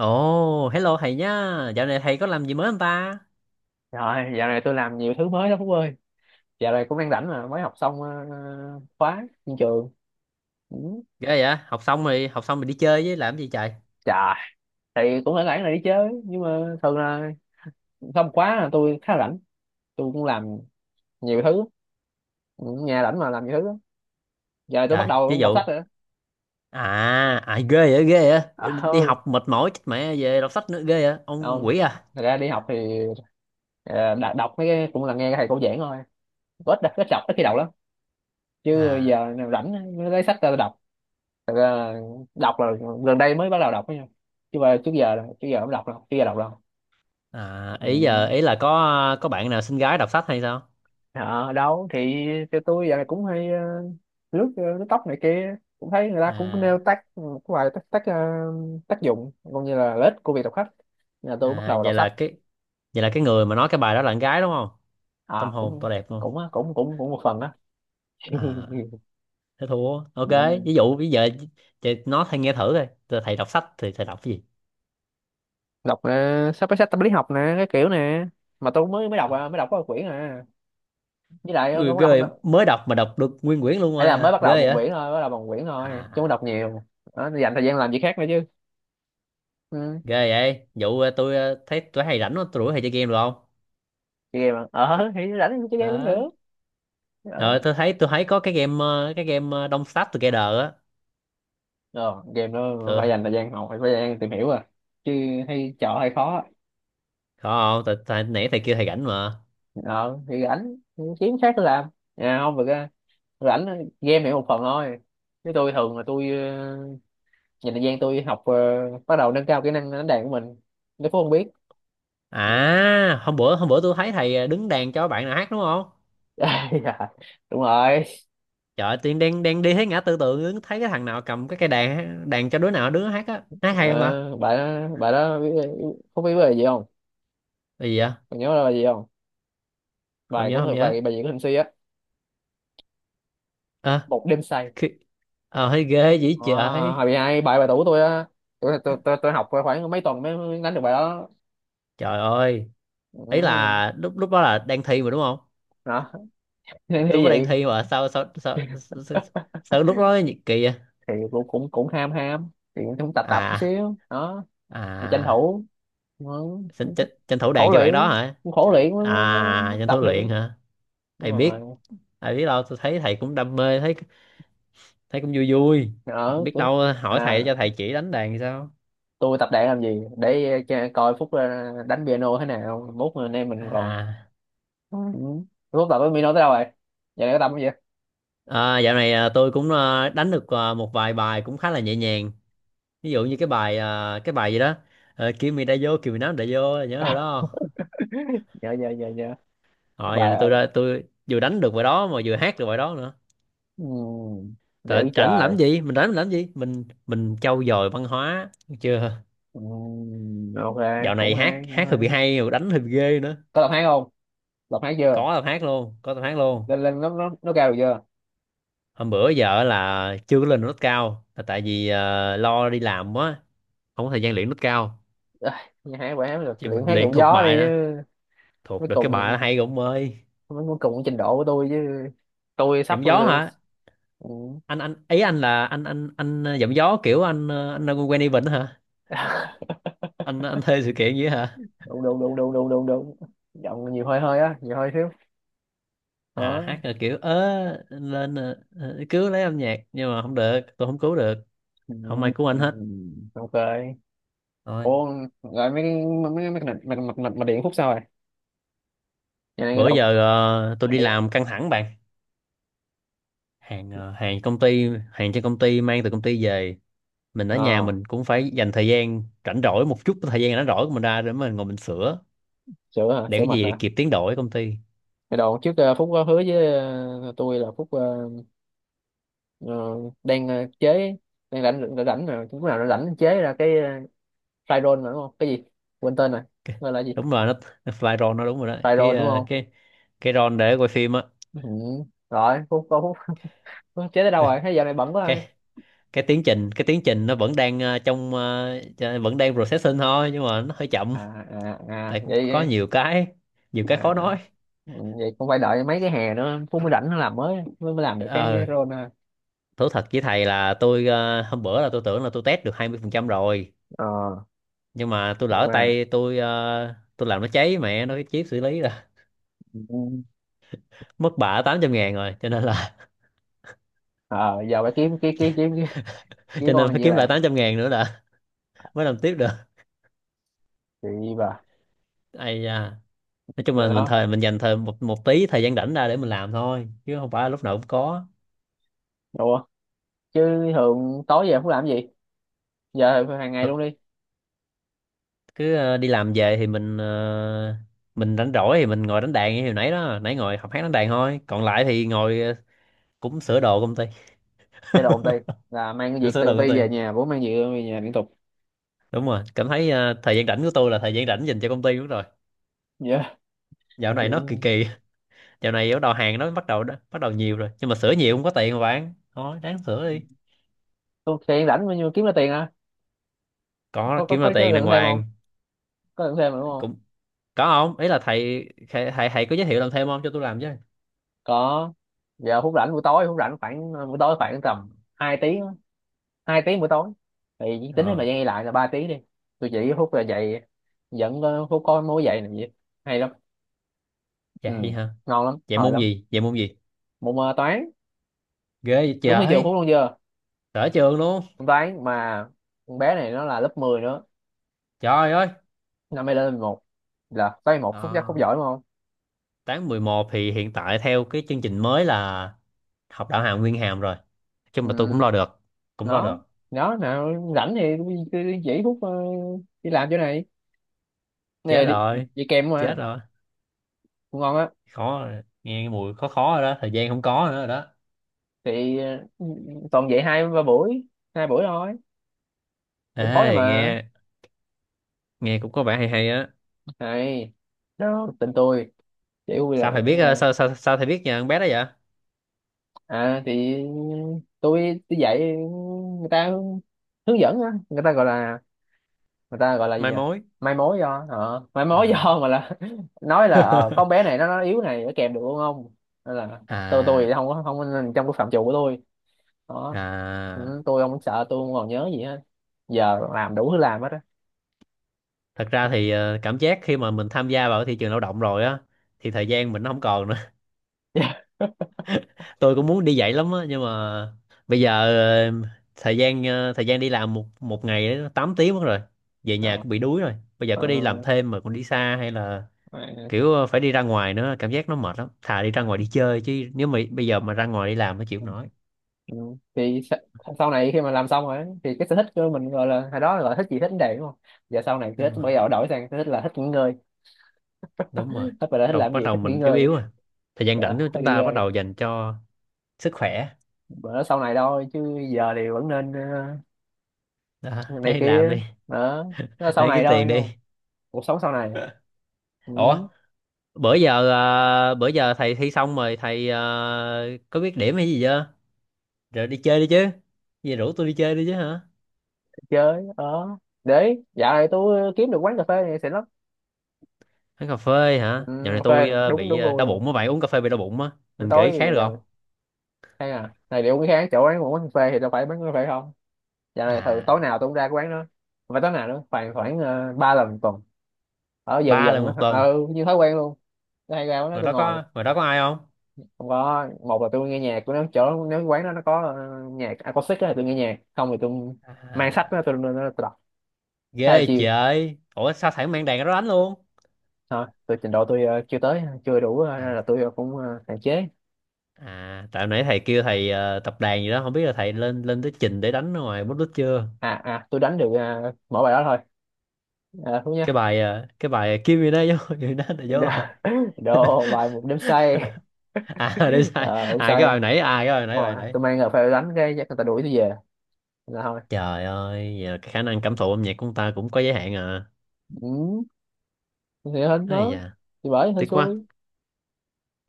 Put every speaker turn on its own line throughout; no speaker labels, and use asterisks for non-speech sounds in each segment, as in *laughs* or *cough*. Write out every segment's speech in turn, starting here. Ồ, hello thầy nhá. Dạo này thầy có làm gì mới không ta?
Rồi, dạo này tôi làm nhiều thứ mới đó Phúc ơi. Dạo này cũng đang rảnh mà, mới học xong khóa trên trường. Ừ.
Ghê vậy? Học xong rồi đi chơi với làm gì trời?
Chà, thì cũng phải rảnh là đi chứ, nhưng mà thường là xong khóa là tôi khá rảnh. Tôi cũng làm nhiều thứ. Ừ, nhà rảnh mà làm nhiều thứ lắm. Giờ tôi bắt
Trời, ví
đầu đọc sách
dụ.
rồi đó.
À, à, ghê vậy, ghê vậy.
À, *laughs*
Đi
ừ,
học mệt mỏi chết mẹ về đọc sách nữa ghê vậy. Ông
không.
quỷ à?
Thật ra đi học thì đọc mấy cái cũng là nghe thầy cô giảng thôi. Ít ít đọc, ít khi đầu lắm, chứ
À,
giờ nào rảnh mới lấy sách ra đọc. Thật ra đọc là gần đây mới bắt đầu đọc ấy nha, chứ mà trước giờ không đọc đâu, trước giờ đọc đâu.
à, ý giờ
Ừ.
ý là có bạn nào xinh gái đọc sách hay sao?
Ờ, đâu thì cho tôi giờ này cũng hay lướt lướt tóc này kia cũng thấy người ta cũng
À,
nêu tác một vài tác tác, ờ, tác dụng cũng như là lợi ích của việc đọc sách. Nên là tôi bắt
à,
đầu đọc
vậy
sách.
là cái người mà nói cái bài đó là con gái đúng không? Tâm
à
hồn
cũng
to đẹp luôn.
cũng á, cũng cũng cũng một phần đó.
À,
*laughs*
thế thua. Ok,
Ừ.
ví dụ bây giờ chị nói thầy nghe thử coi. Thầy đọc sách thì thầy đọc cái gì?
Đọc sắp cái sách tâm lý học nè, cái kiểu nè, mà tôi mới mới đọc à, mới đọc có một quyển à, với lại tôi
Ui, ghê
cũng
vậy.
đọc.
Mới đọc mà đọc được nguyên quyển luôn
Ấy
rồi
là mới
à,
bắt
ghê
đầu
vậy
một
à,
quyển thôi, bắt đầu bằng quyển thôi chứ không đọc nhiều đó, dành thời gian làm việc khác nữa chứ. Ừ.
ghê vậy vụ tôi thấy tôi hay rảnh quá, tôi rủ hay chơi game được không?
Chơi game à? Ờ thì rảnh thì chơi game cũng
Đó,
được đó.
rồi tôi thấy có cái game Don't Starve Together á.
Ờ, Game nó phải
Ừ.
dành thời gian học, phải phải dành thời gian tìm hiểu à, chứ hay chọn hay khó.
Có không tại nãy thầy kêu thầy rảnh mà.
Ờ thì rảnh thì kiếm khác để làm. À, không được á, rảnh game này một phần thôi, chứ tôi thường là tôi dành thời gian tôi học bắt đầu nâng cao kỹ năng đánh đàn của mình, nếu Phú không biết. Ừ.
À, hôm bữa tôi thấy thầy đứng đàn cho bạn nào hát đúng không?
*laughs* Dạ, đúng rồi.
Trời ơi, tiên đang đang đi thấy ngã tư tưởng đứng thấy cái thằng nào cầm cái cây đàn đàn cho đứa nào hát á, hát hay không ta?
Ờ, bà đó biết, có biết về gì không,
Cái gì vậy?
còn nhớ là gì không?
Không nhớ, không nhớ.
Bài, bài diễn của Thịnh Suy á,
À,
Một Đêm Say.
khi... À, thấy ghê vậy
À,
trời.
hồi bị hai bài, bài tủ tôi á, tôi học khoảng mấy tuần mới mới đánh được bài đó.
Trời ơi. Ấy
Ừ.
là lúc lúc đó là đang thi mà đúng không?
Đó. *laughs* Nên như
Lúc đó đang
vậy.
thi mà sao lúc đó nhiệt kỳ vậy?
Thì cũng cũng cũng ham ham, thì cũng cũng tập tập chút
à
xíu đó. Thì tranh
à,
thủ. Ừ. Cũng—
tranh,
cũng
tranh, tranh thủ
khổ
đàn cho bạn đó
luyện,
hả?
cũng khổ
Trời,
luyện mới
à tranh
tập
thủ
được.
luyện hả?
Đúng
Ai
rồi.
biết. Ai biết đâu, tôi thấy thầy cũng đam mê thấy, thấy cũng vui vui.
Ở
Biết
tôi.
đâu hỏi
À,
thầy cho thầy chỉ đánh đàn thì sao?
tôi tập đàn làm gì để coi Phúc đánh piano thế nào, mốt anh em mình còn.
à,
Ừ. Rốt tập với Mino tới đâu rồi? Giờ này có tập không vậy?
à dạo này tôi cũng đánh được một vài bài cũng khá là nhẹ nhàng. Ví dụ như cái bài cái bài gì đó. Kimi đã vô Kimi nắm đã vô, nhớ rồi
*laughs*
đó.
Dạ dạ dạ dạ.
Rồi giờ này
Bài.
tôi vừa đánh được bài đó mà vừa hát được bài đó nữa.
Ừ.
Tại
Dữ
rảnh
trời.
làm gì? Mình rảnh mình làm gì? Mình trau dồi văn hóa được chưa?
Ừ. Ok,
Dạo
cũng
này hát
hay, cũng
hát hơi
hay.
bị hay rồi, đánh hơi bị ghê nữa.
Có tập hát không? Tập hát chưa?
Có tập hát luôn, có tập hát luôn.
Lên lên, nó cao được chưa?
Hôm bữa giờ là chưa có lên nốt cao là tại vì lo đi làm quá, không có thời gian luyện nốt cao.
À, nghe hát bài hát được,
Chứ
luyện
mình
hát
luyện
đụng
thuộc
gió đi
bài nè,
chứ. Mới
thuộc được cái bài
cùng,
đó hay rồi ông ơi.
mới mới cùng trình độ của tôi chứ. Tôi sắp.
Giọng gió
Ừ.
hả? Anh ý, anh là anh giọng gió kiểu anh anh quen event hả? Anh thuê sự kiện gì hả?
đúng đúng đúng đúng đúng đúng đúng. Giọng nhiều hơi, hơi á, nhiều hơi xíu.
À,
Đó.
hát là kiểu ớ lên cứu lấy âm nhạc nhưng mà không được, tôi không cứu được. Không ai
Ừ.
cứu anh hết.
Ok.
Thôi,
Ủa, rồi mấy cái, mấy cái mặt mặt mặt mặt mặt điện Phúc sao rồi? Nhà này cái
bữa
đồ Phúc,
giờ tôi
mặt
đi
điện à?
làm căng thẳng bạn, hàng hàng công ty, hàng trên công ty mang từ công ty về. Mình ở nhà
Ờ,
mình cũng phải dành thời gian rảnh rỗi, một chút thời gian rảnh rỗi của mình ra để mình ngồi mình sửa
sửa hả?
để
Sửa
cái
mặt
gì
à?
kịp tiến độ ở công ty.
Cái đồ trước Phúc có hứa với tôi là Phúc ờ, đang chế, đang rảnh rảnh rảnh mà lúc nào nó rảnh chế ra cái fry roll mà đúng không? Cái gì? Quên tên rồi. Gọi là gì?
Đúng rồi nó, *laughs* nó fly roll nó, đúng rồi đó,
Fry
cái
roll đúng không?
cái roll để quay phim á.
Ừ. Rồi, Phúc có Phúc, Phúc chế tới đâu rồi?
*laughs*
Thế giờ này bận quá rồi.
cái cái tiến trình nó vẫn đang vẫn đang processing thôi nhưng mà nó hơi chậm.
À à à
Tại cũng
vậy
có nhiều cái, nhiều cái
à,
khó nói.
vậy cũng phải đợi mấy cái hè nữa Phúc mới rảnh nó làm, mới mới mới làm được cái
ờ
roll ha.
Thú thật với thầy là tôi hôm bữa là tôi tưởng là tôi test được 20% rồi,
Ờ
nhưng mà tôi
nhưng
lỡ
mà.
tay tôi tôi làm nó cháy mẹ nó cái chip xử lý, là
Ừ.
*laughs* mất bả 800 ngàn rồi, cho nên là
Ờ, giờ phải kiếm cái kiếm cái
*laughs*
cái
cho nên
con
phải
gì
kiếm lại
làm
800 ngàn nữa là *laughs* mới làm tiếp được.
chị bà
Ai da, nói chung là
rồi
mình
đó
thời mình dành thời một một tí thời gian rảnh ra để mình làm thôi, chứ không phải lúc nào cũng có.
đúng không, chứ thường tối về không làm gì, giờ hàng ngày
Th-
luôn đi
Cứ đi làm về thì mình mình rảnh rỗi thì mình ngồi đánh đàn như hồi nãy đó, nãy ngồi học hát đánh đàn thôi, còn lại thì ngồi cũng sửa đồ công ty,
chơi đồ công ty, là mang cái
cũng
việc
sửa
từ
đồ
công
công ty.
ty về nhà, bố mang việc về nhà liên tục.
Đúng rồi, cảm thấy thời gian rảnh của tôi là thời gian rảnh dành cho công ty, đúng rồi.
Dạ yeah.
Dạo này nó kỳ kỳ. Dạo này bắt đầu hàng nó bắt đầu nhiều rồi, nhưng mà sửa nhiều không có tiền mà bạn, thôi ráng sửa đi.
Tôi tiền rảnh bao nhiêu kiếm ra tiền à,
Có kiếm ra
có
tiền đàng
lượng thêm không,
hoàng.
có lượng thêm mà đúng không,
Cũng có không, ý là thầy có giới thiệu làm thêm không cho tôi làm chứ.
có. Giờ phút rảnh buổi tối, phút rảnh khoảng buổi tối khoảng tầm 2 tiếng á. 2 tiếng buổi tối, thì chỉ tính thêm
Ờ,
thời gian đi lại là 3 tiếng đi. Tôi chỉ phút là dậy, vẫn phút có mối dậy làm gì, hay lắm. Ừ.
vậy hả?
Ngon lắm,
Vậy
hồi
môn
lắm.
gì, vậy môn gì?
Môn toán.
Ghê vậy
Đúng như trường
trời.
Phúc luôn chưa?
Sở trường luôn.
Môn toán mà. Con bé này nó là lớp 10 nữa,
Trời ơi.
năm nay lên 11, là toán một. Phúc chắc
ờ,
Phúc giỏi đúng không?
tháng 11 thì hiện tại theo cái chương trình mới là học đạo hàm nguyên hàm rồi, nhưng mà tôi cũng
Ừ.
lo được, cũng lo
nó
được.
nó nào rảnh thì cứ chỉ Phúc đi làm chỗ này
Chết
nè đi,
rồi,
đi kèm
chết
mà,
rồi,
cũng ngon á.
khó rồi. Nghe cái mùi khó khó rồi đó, thời gian không có nữa rồi đó.
Thì toàn dạy 2 3 buổi, 2 buổi thôi, buổi tối
Ê nghe,
mà.
nghe cũng có vẻ hay hay á.
Này đó tình tôi chỉ vui là.
Sao thầy biết sao sao sao thầy biết nhà con bé đó vậy?
À thì tôi dạy, người ta hướng, hướng dẫn á, người ta gọi là, người ta gọi là gì
Mai
nhỉ?
mối.
Mai mối. Do mai mối
À.
do mà là, *laughs* nói là
*laughs*
con bé này nó yếu này, nó kèm được không không. Nên là tôi
à
thì không có, không trong cái phạm trù của tôi đó.
à,
Ừ, tôi không sợ, tôi không còn nhớ gì hết, giờ làm đủ thứ, làm hết á.
thật ra thì cảm giác khi mà mình tham gia vào cái thị trường lao động rồi á thì thời gian mình nó không còn nữa.
*laughs*
Tôi cũng muốn đi dạy lắm á nhưng mà bây giờ ờ, thời gian đi làm một một ngày ấy, nó 8 tiếng mất rồi, về
Ờ,
nhà cũng bị đuối rồi. Bây giờ
ờ,
có đi làm thêm mà còn đi xa hay là kiểu phải đi ra ngoài nữa, cảm giác nó mệt lắm, thà đi ra ngoài đi chơi chứ nếu mà bây giờ mà ra ngoài đi làm nó chịu không nổi.
ừ. Thì sau này khi mà làm xong rồi thì cái sở thích của mình, gọi là hồi đó gọi là thích gì thích vấn đề đúng không, giờ sau này cứ
Đúng
thích,
rồi,
bây giờ đổi sang sở thích là thích nghỉ ngơi.
đúng rồi.
Thích bà đã, thích làm
Bắt
gì,
đầu
thích nghỉ
mình yếu
ngơi.
yếu rồi, thời gian
Dạ,
rảnh của
thích
chúng
nghỉ
ta bắt
ngơi.
đầu dành cho sức khỏe.
Bữa đó sau này thôi, chứ giờ thì vẫn nên
Đó,
ờ, này
để làm
kia
đi,
đó, nó sau
để
này
kiếm
thôi
tiền đi.
không, cuộc sống sau này. Ừ,
Ủa, bữa giờ thầy thi xong rồi thầy có biết điểm hay gì chưa? Rồi đi chơi đi chứ, gì rủ tôi đi chơi đi chứ hả?
chơi ở, để dạo này tôi kiếm được quán cà phê này xịn lắm.
Uống cà phê
Ừ,
hả? Dạo này
cà
tôi
phê đúng,
bị
đúng gu
đau
luôn.
bụng á bạn, uống cà phê bị đau bụng á.
Buổi
Mình kể
tối thì
khác được
giờ
không?
mình hay à này liệu cái kháng chỗ quán, quán cà phê thì đâu phải bán cà phê không. Dạo này thường tối
À,
nào tôi cũng ra cái quán đó, và tối nào nữa khoảng, khoảng 3 lần một tuần. Ở dần
ba
dần
lần một tuần.
ừ như thói quen luôn, tôi hay ra quán đó tôi ngồi.
Ngoài đó có ai không?
Không có, một là tôi nghe nhạc của nó chỗ, nếu quán đó nó có nhạc acoustic á thì tôi nghe nhạc, không thì tôi mang sách đó,
À
tôi đọc, khá là
ghê
chill.
trời, ủa sao thầy không mang đàn ra đó đánh luôn?
Thôi tôi trình độ tôi chưa tới chưa đủ
à,
nên là tôi cũng hạn chế.
à tại nãy thầy kêu thầy tập đàn gì đó, không biết là thầy lên lên tới trình để đánh ở ngoài bút đít chưa?
À à tôi đánh được mỗi bài đó thôi. À, thú
Cái
nhá.
bài cái bài Kim gì đó vô *laughs* gì đó là
Đồ,
vô hả?
*laughs* đồ bài Một Đêm Say.
À, để sai.
Ờ không say.
Cái bài nãy,
Ờ,
bài nãy.
tôi mang là phải đánh cái chắc người ta đuổi tôi về, là thôi.
Trời ơi, vậy là cái khả năng cảm thụ âm nhạc của ông ta cũng có giới hạn à.
Ừ, thì hên
Ây
đó,
da,
thì bởi hên
tiếc quá.
xui.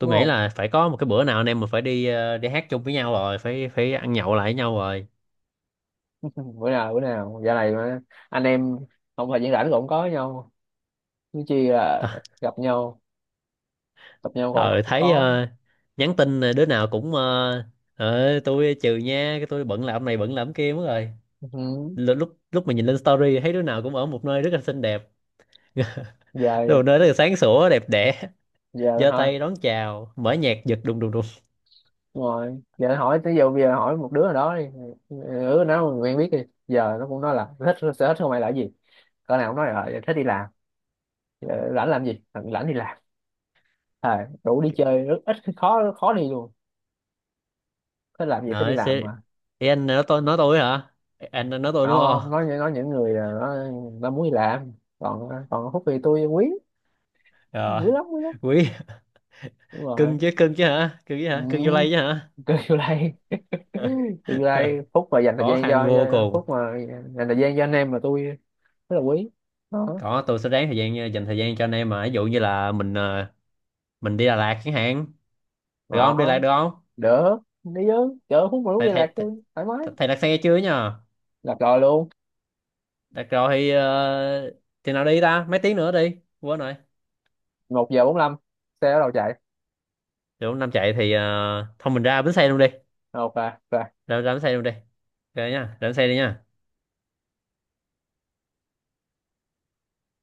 Đúng
nghĩ
không?
là phải có một cái bữa nào anh em mình phải đi đi hát chung với nhau rồi, phải phải ăn nhậu lại với nhau rồi.
*laughs* Bữa nào, bữa nào giờ này mà anh em không phải diễn, rảnh cũng có với nhau chứ chi là
À,
gặp nhau, gặp nhau còn
ờ
không
thấy
có.
nhắn tin đứa nào cũng tôi trừ nha, cái tôi bận làm này bận làm kia mất rồi.
Ừ.
L- lúc lúc mà nhìn lên story thấy đứa nào cũng ở một nơi rất là xinh đẹp, *laughs*
Giờ,
đồ nơi rất là sáng sủa đẹp đẽ, *laughs*
giờ
giơ
thôi.
tay đón chào, mở nhạc giật đùng đùng đùng.
Đúng rồi, giờ hỏi tới giờ, bây giờ hỏi một đứa nào đó đi, ừ, nó quen biết đi, giờ nó cũng nói là thích, sở thích của mày là cái gì, con nào cũng nói là thích đi làm. Ờ, rảnh làm gì? Ờ, rảnh đi làm. À, đủ đi chơi rất ít, khó khó đi luôn, thích làm gì, thích đi
Nói
làm
sẽ.
mà.
Ê, anh nói tôi hả? Anh nói tôi đúng
Không, nói,
không?
nói những người là nó muốn đi làm, còn còn Phúc thì tôi quý,
Rồi,
quý lắm, quý lắm.
quý,
Đúng rồi.
cưng chứ, cưng chứ hả? Cưng chứ hả?
Ừ,
Cưng vô lay chứ hả?
kêu vô đây. *clears throat* Tương lai
*laughs*
Phúc mà dành thời
Khó
gian
khăn vô
cho
cùng.
Phúc mà, dành thời gian cho anh em mà tôi rất là quý đó.
Có tôi sẽ ráng thời gian, dành thời gian cho anh em mà, ví dụ như là mình mình đi Đà Lạt chẳng hạn. Được
Đó,
không? Đi Đà Lạt được không?
đỡ, đi chứ, chở Phúc mà lúc
Thầy
đi Lạc
thầy thầy,
tôi thoải mái,
thầy đặt xe chưa nhờ?
Lạc rồi luôn.
Đặt rồi thì thì nào đi ta? Mấy tiếng nữa đi. Quên rồi.
1:45 xe bắt đầu chạy.
Được không? Nam chạy thì thôi mình ra bến xe luôn đi.
Ok ok.
Ra ra bến xe luôn đi. Ok nha. Ra bến xe đi nha.